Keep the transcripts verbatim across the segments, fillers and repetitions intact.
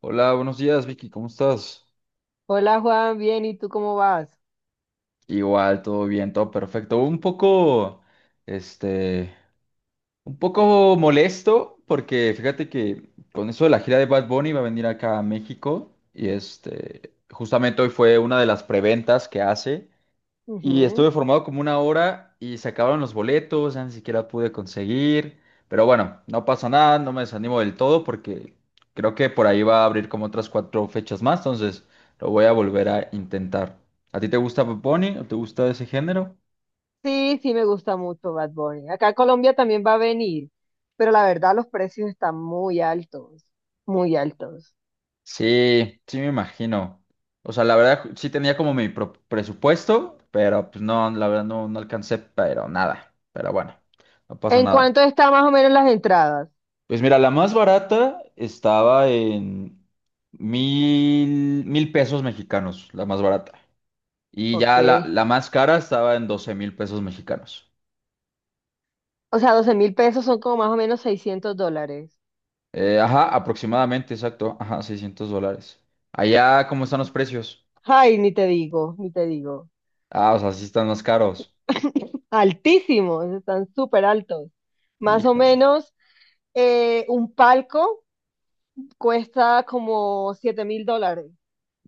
Hola, buenos días, Vicky, ¿cómo estás? Hola Juan, bien, ¿y tú cómo vas? Igual, todo bien, todo perfecto. Un poco, este, un poco molesto porque fíjate que con eso de la gira de Bad Bunny va a venir acá a México y este, justamente hoy fue una de las preventas que hace. Y estuve Ujú. formado como una hora y se acabaron los boletos, ya ni siquiera pude conseguir. Pero bueno, no pasa nada, no me desanimo del todo porque creo que por ahí va a abrir como otras cuatro fechas más, entonces lo voy a volver a intentar. ¿A ti te gusta Bad Bunny o te gusta ese género? Sí, sí me gusta mucho Bad Bunny. Acá a Colombia también va a venir, pero la verdad los precios están muy altos, muy altos. Sí, sí me imagino. O sea, la verdad sí tenía como mi pro- presupuesto, pero pues no, la verdad no, no alcancé, pero nada. Pero bueno, no pasa ¿En nada. cuánto están más o menos las entradas? Pues mira, la más barata estaba en mil, mil pesos mexicanos, la más barata. Y Ok. ya la, la más cara estaba en doce mil pesos mexicanos. O sea, doce mil pesos son como más o menos seiscientos dólares. Eh, ajá, aproximadamente, exacto. Ajá, seiscientos dólares. Allá, ¿cómo están los precios? Ay, ni te digo, ni te digo. Ah, o sea, sí están más caros. Altísimos, están súper altos. Más o Híjole. menos eh, un palco cuesta como siete mil dólares.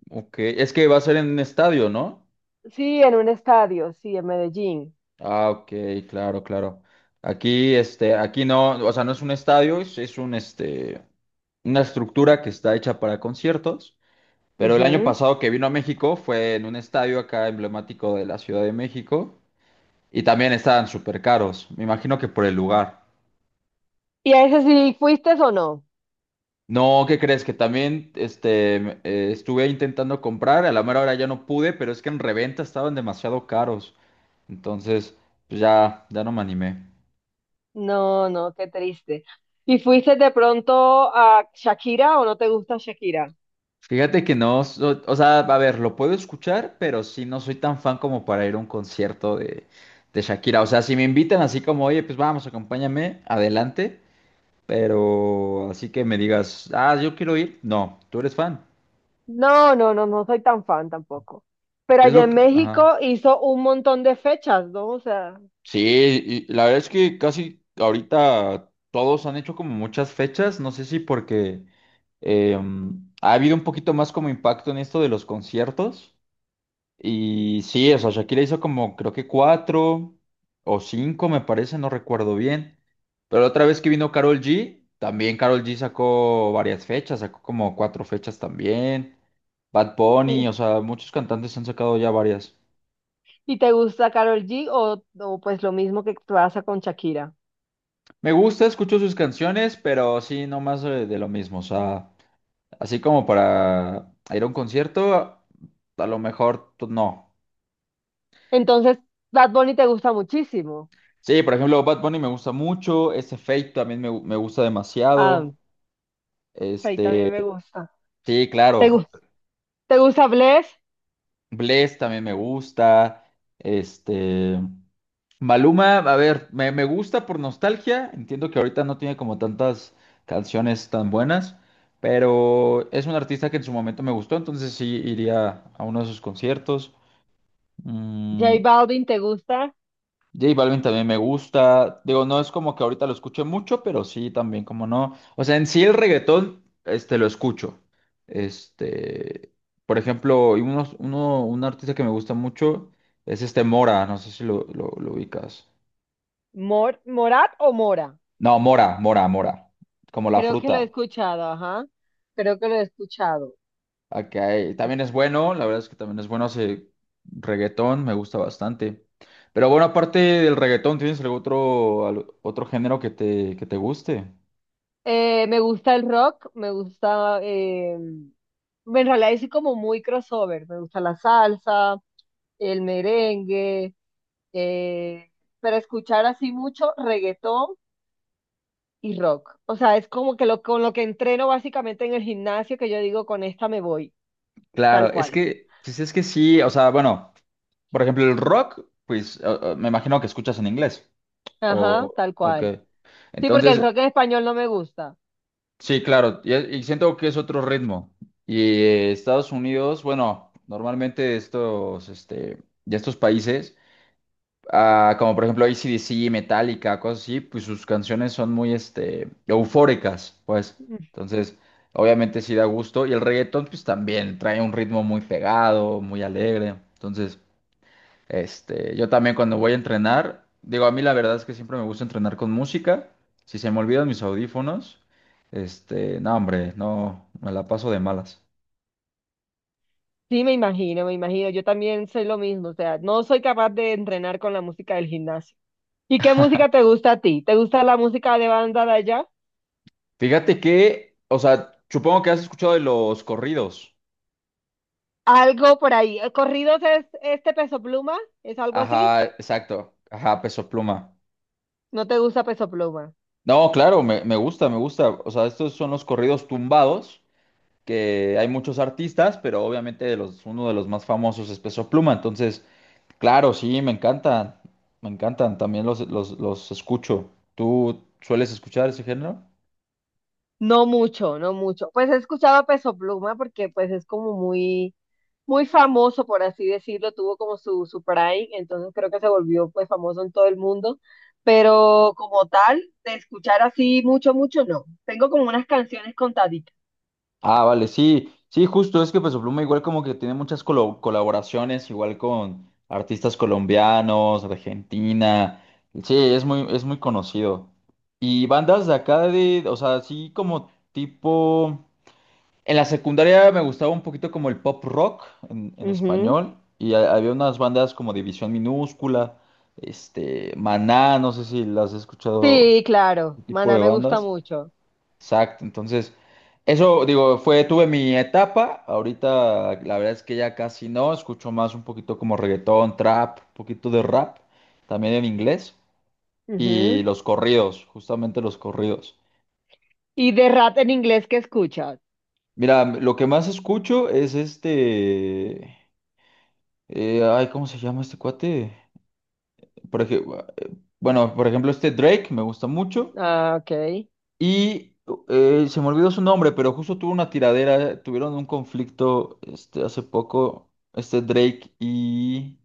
Ok, es que va a ser en un estadio, ¿no? Sí, en un estadio, sí, en Medellín. Ah, ok, claro, claro. Aquí, este, aquí no, o sea, no es un estadio, es, es un, este, una estructura que está hecha para conciertos. Pero el año Ujú. pasado que vino a México fue en un estadio acá emblemático de la Ciudad de México y también estaban súper caros, me imagino que por el lugar. ¿Y a ese sí fuiste o no? No, ¿qué crees? Que también este, m- eh, estuve intentando comprar, a la mera hora ya no pude, pero es que en reventa estaban demasiado caros. Entonces, pues ya, ya no me animé. No, no, qué triste. ¿Y fuiste de pronto a Shakira o no te gusta Shakira? Fíjate que no, so- o sea, a ver, lo puedo escuchar, pero sí no soy tan fan como para ir a un concierto de, de Shakira. O sea, si me invitan así como, oye, pues vamos, acompáñame, adelante. Pero así que me digas, ah, yo quiero ir. No, tú eres fan. No, no, no, no soy tan fan tampoco. Pero ¿Qué es allá lo en que...? Ajá. México hizo un montón de fechas, ¿no? O sea, Sí, y la verdad es que casi ahorita todos han hecho como muchas fechas. No sé si porque eh, ha habido un poquito más como impacto en esto de los conciertos. Y sí, o sea, Shakira hizo como creo que cuatro o cinco, me parece, no recuerdo bien. Pero la otra vez que vino Karol G, también Karol G sacó varias fechas, sacó como cuatro fechas también. Bad Bunny, ¿y, o sea, muchos cantantes han sacado ya varias. y te gusta Karol G o, o pues lo mismo que pasa con Shakira? Me gusta, escucho sus canciones, pero sí, no más eh, de, lo mismo. O sea, así como para ir a un concierto, a lo mejor pues, no. Entonces, Bad Bunny te gusta muchísimo. Sí, por ejemplo, Bad Bunny me gusta mucho, ese Fate también me, gu- me gusta Ah, demasiado. ahí también Este, me gusta. sí, ¿Te, gu- claro. Te gusta Bless? Bless también me gusta. Este, Maluma, a ver, me, me gusta por nostalgia. Entiendo que ahorita no tiene como tantas canciones tan buenas, pero es un artista que en su momento me gustó, entonces sí iría a uno de sus conciertos. Mm, J Balvin, ¿te gusta? J Balvin también me gusta. Digo, no es como que ahorita lo escuche mucho, pero sí también, como no. O sea, en sí el reggaetón, este, lo escucho. Este, por ejemplo, y unos, uno, un artista que me gusta mucho es este Mora, no sé si lo, lo, lo ubicas. Mor ¿Morat o Mora? No, Mora, Mora, Mora. Como la Creo que lo fruta. he escuchado, ajá. Creo que lo he escuchado. Ok, también es bueno, la verdad es que también es bueno hace reggaetón, me gusta bastante. Pero bueno, aparte del reggaetón, ¿tienes algún otro, al- otro género que te, que te guste? Eh, me gusta el rock, me gusta, eh, en realidad es como muy crossover. Me gusta la salsa, el merengue, eh, pero escuchar así mucho reggaetón y rock. O sea, es como que lo, con lo que entreno básicamente en el gimnasio, que yo digo, con esta me voy, tal Claro, es cual. que, pues es que sí, o sea, bueno, por ejemplo, el rock, pues o- o me imagino que escuchas en inglés, Ajá, o, tal o cual. qué. Sí, porque el Entonces, rock en español no me gusta. sí, claro, y, y siento que es otro ritmo. Y eh, Estados Unidos, bueno, normalmente estos, este, de estos países, ah, como por ejemplo A C/D C AC/DC, Metallica, cosas así, pues sus canciones son muy, este, eufóricas, pues. Entonces, obviamente sí da gusto. Y el reggaetón, pues también trae un ritmo muy pegado, muy alegre. Entonces... Este, yo también cuando voy a entrenar, digo, a mí la verdad es que siempre me gusta entrenar con música. Si se me olvidan mis audífonos, este, no, hombre, no, me la paso de malas. Sí, me imagino, me imagino. Yo también soy lo mismo, o sea, no soy capaz de entrenar con la música del gimnasio. ¿Y qué música te gusta a ti? ¿Te gusta la música de banda de allá? Fíjate que, o sea, supongo que has escuchado de los corridos. Algo por ahí. ¿Eh, ¿Corridos es este Peso Pluma? ¿Es algo así? Ajá, exacto. Ajá, Peso Pluma. ¿No te gusta Peso Pluma? No, claro, me, me gusta, me gusta. O sea, estos son los corridos tumbados, que hay muchos artistas, pero obviamente de los, uno de los más famosos es Peso Pluma. Entonces, claro, sí, me encantan. Me encantan, también los, los, los escucho. ¿Tú sueles escuchar ese género? No mucho, no mucho. Pues he escuchado a Peso Pluma porque pues es como muy muy famoso, por así decirlo, tuvo como su, su prime, entonces creo que se volvió pues famoso en todo el mundo, pero como tal, de escuchar así mucho, mucho, no. Tengo como unas canciones contaditas. Ah, vale, sí, sí, justo, es que Peso Pluma igual como que tiene muchas colo- colaboraciones, igual con artistas colombianos, Argentina. Sí, es muy, es muy conocido. Y bandas de acá de, o sea, así como tipo. En la secundaria me gustaba un poquito como el pop rock en, en Ujú. español y ha- había unas bandas como División Minúscula, este, Maná, no sé si las has escuchado, Sí, claro. ese tipo Maná de me gusta bandas. mucho. Exacto, entonces eso digo, fue, tuve mi etapa, ahorita la verdad es que ya casi no, escucho más un poquito como reggaetón, trap, un poquito de rap, también en inglés y Ujú. los corridos, justamente los corridos. ¿Y de rap en inglés qué escuchas? Mira, lo que más escucho es este. Eh, ay, ¿cómo se llama este cuate? Por ejemplo, eh, bueno, por ejemplo, este Drake me gusta mucho. Ah, ok. Y eh, se me olvidó su nombre, pero justo tuvo una tiradera, tuvieron un conflicto este, hace poco, este Drake y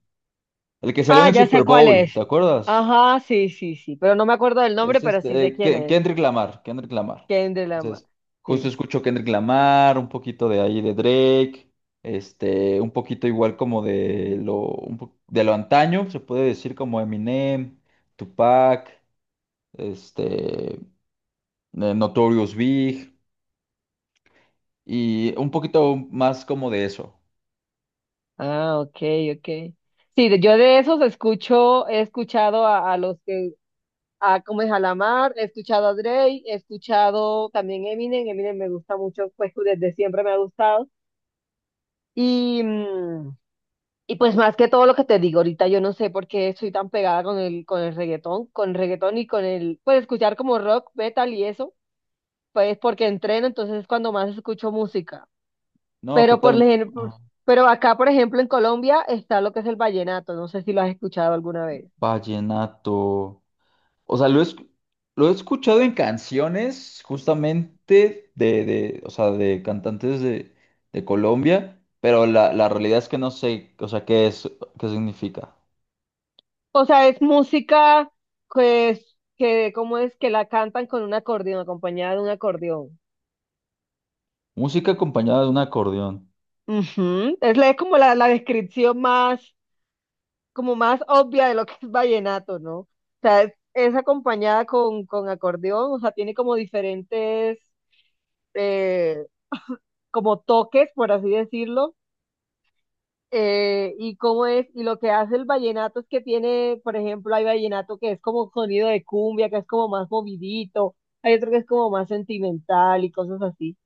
el que salió en Ah, el ya Super sé cuál Bowl, es. ¿te acuerdas? Ajá, sí, sí, sí. Pero no me acuerdo del nombre, Es pero sí este, sé eh, quién Ke- es. Kendrick Lamar, Kendrick Lamar. Kendrick Lamar. Entonces, justo Sí. escucho Kendrick Lamar, un poquito de ahí de Drake, este, un poquito igual como de lo, un po- de lo antaño, se puede decir como Eminem, Tupac, este, eh, Notorious Big, y un poquito más como de eso. Ah, ok, ok. Sí, de- yo de esos escucho, he escuchado a, a los que, a como es a Lamar, he escuchado a Drake, he escuchado también Eminem, Eminem me gusta mucho, pues desde siempre me ha gustado. Y, mm, y pues más que todo lo que te digo ahorita, yo no sé por qué soy tan pegada con el, con el reggaetón, con el reggaetón y con el, pues escuchar como rock, metal y eso, pues porque entreno, entonces es cuando más escucho música. No, Pero por total, ejemplo, ah, pero acá, por ejemplo, en Colombia está lo que es el vallenato. No sé si lo has escuchado alguna vez. vallenato. O sea, lo he, esc- lo he escuchado en canciones justamente de, de, o sea, de cantantes de, de Colombia, pero la, la realidad es que no sé, o sea, qué es, qué significa. O sea, es música pues, que, ¿cómo es? Que la cantan con un acordeón, acompañada de un acordeón. Música acompañada de un acordeón. Ujú. Es, la- es como la, la descripción más, como más obvia de lo que es vallenato, ¿no? O sea, es, es acompañada con, con acordeón, o sea, tiene como diferentes, eh, como toques, por así decirlo eh, y cómo es, y lo que hace el vallenato es que tiene, por ejemplo, hay vallenato que es como sonido de cumbia, que es como más movidito, hay otro que es como más sentimental y cosas así.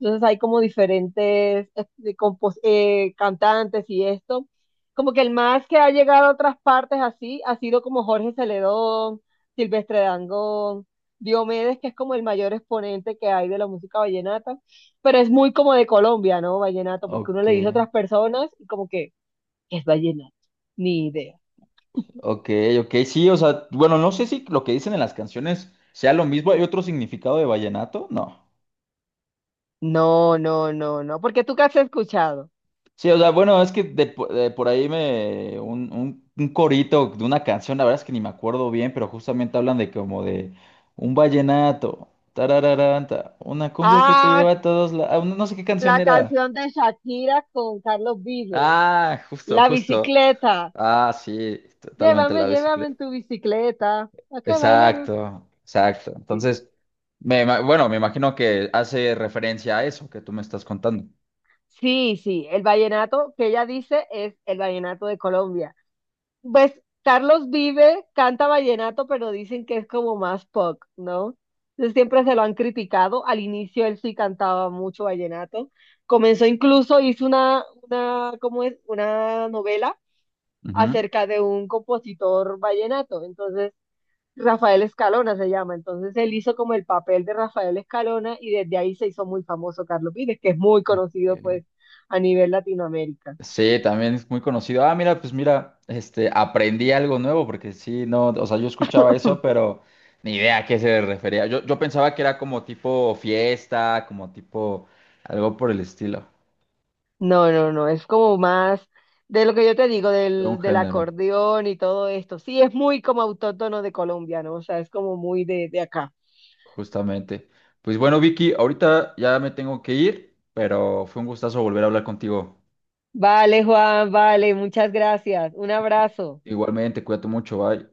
Entonces hay como diferentes eh, de compos- eh, cantantes y esto. Como que el más que ha llegado a otras partes así ha sido como Jorge Celedón, Silvestre Dangond, Diomedes, que es como el mayor exponente que hay de la música vallenata, pero es muy como de Colombia, ¿no? Vallenato, porque uno Ok, le dice a otras personas y como que que es vallenato. Ni idea. ok, ok, sí, o sea, bueno, no sé si lo que dicen en las canciones sea lo mismo. ¿Hay otro significado de vallenato? No. No, no, no, no, porque tú qué has escuchado. Sí, o sea, bueno, es que de, po- de por ahí me un, un, un corito de una canción, la verdad es que ni me acuerdo bien, pero justamente hablan de como de un vallenato, tarararanta, una cumbia que te Ah, lleva a todos la- ah, no sé qué canción la era. canción de Shakira con Carlos Vives. Ah, justo, La justo. bicicleta. Ah, sí, totalmente la Llévame, llévame bicicleta. en tu bicicleta. ¿A qué bailemos? Exacto, exacto. Sí. Entonces, me, ima- bueno, me imagino que hace referencia a eso que tú me estás contando. Sí, sí, el vallenato que ella dice es el vallenato de Colombia. Pues Carlos Vive canta vallenato, pero dicen que es como más pop, ¿no? Entonces siempre se lo han criticado. Al inicio él sí cantaba mucho vallenato. Comenzó incluso, hizo una, una, ¿cómo es? Una novela Ujú. acerca de un compositor vallenato. Entonces, Rafael Escalona se llama. Entonces él hizo como el papel de Rafael Escalona y desde ahí se hizo muy famoso Carlos Vives, que es muy conocido Ok. pues a nivel Latinoamérica. Sí, también es muy conocido. Ah, mira, pues mira, este, aprendí algo nuevo porque sí, no, o sea, yo escuchaba eso, pero ni idea a qué se refería. Yo, yo pensaba que era como tipo fiesta, como tipo algo por el estilo, No, no, no, es como más de lo que yo te digo, de del, un del género, acordeón y todo esto. Sí, es muy como autóctono de Colombia, ¿no? O sea, es como muy de, de acá. justamente. Pues bueno, Vicky, ahorita ya me tengo que ir, pero fue un gustazo volver a hablar contigo. Vale, Juan, vale, muchas gracias. Un abrazo. Igualmente, cuídate mucho, bye.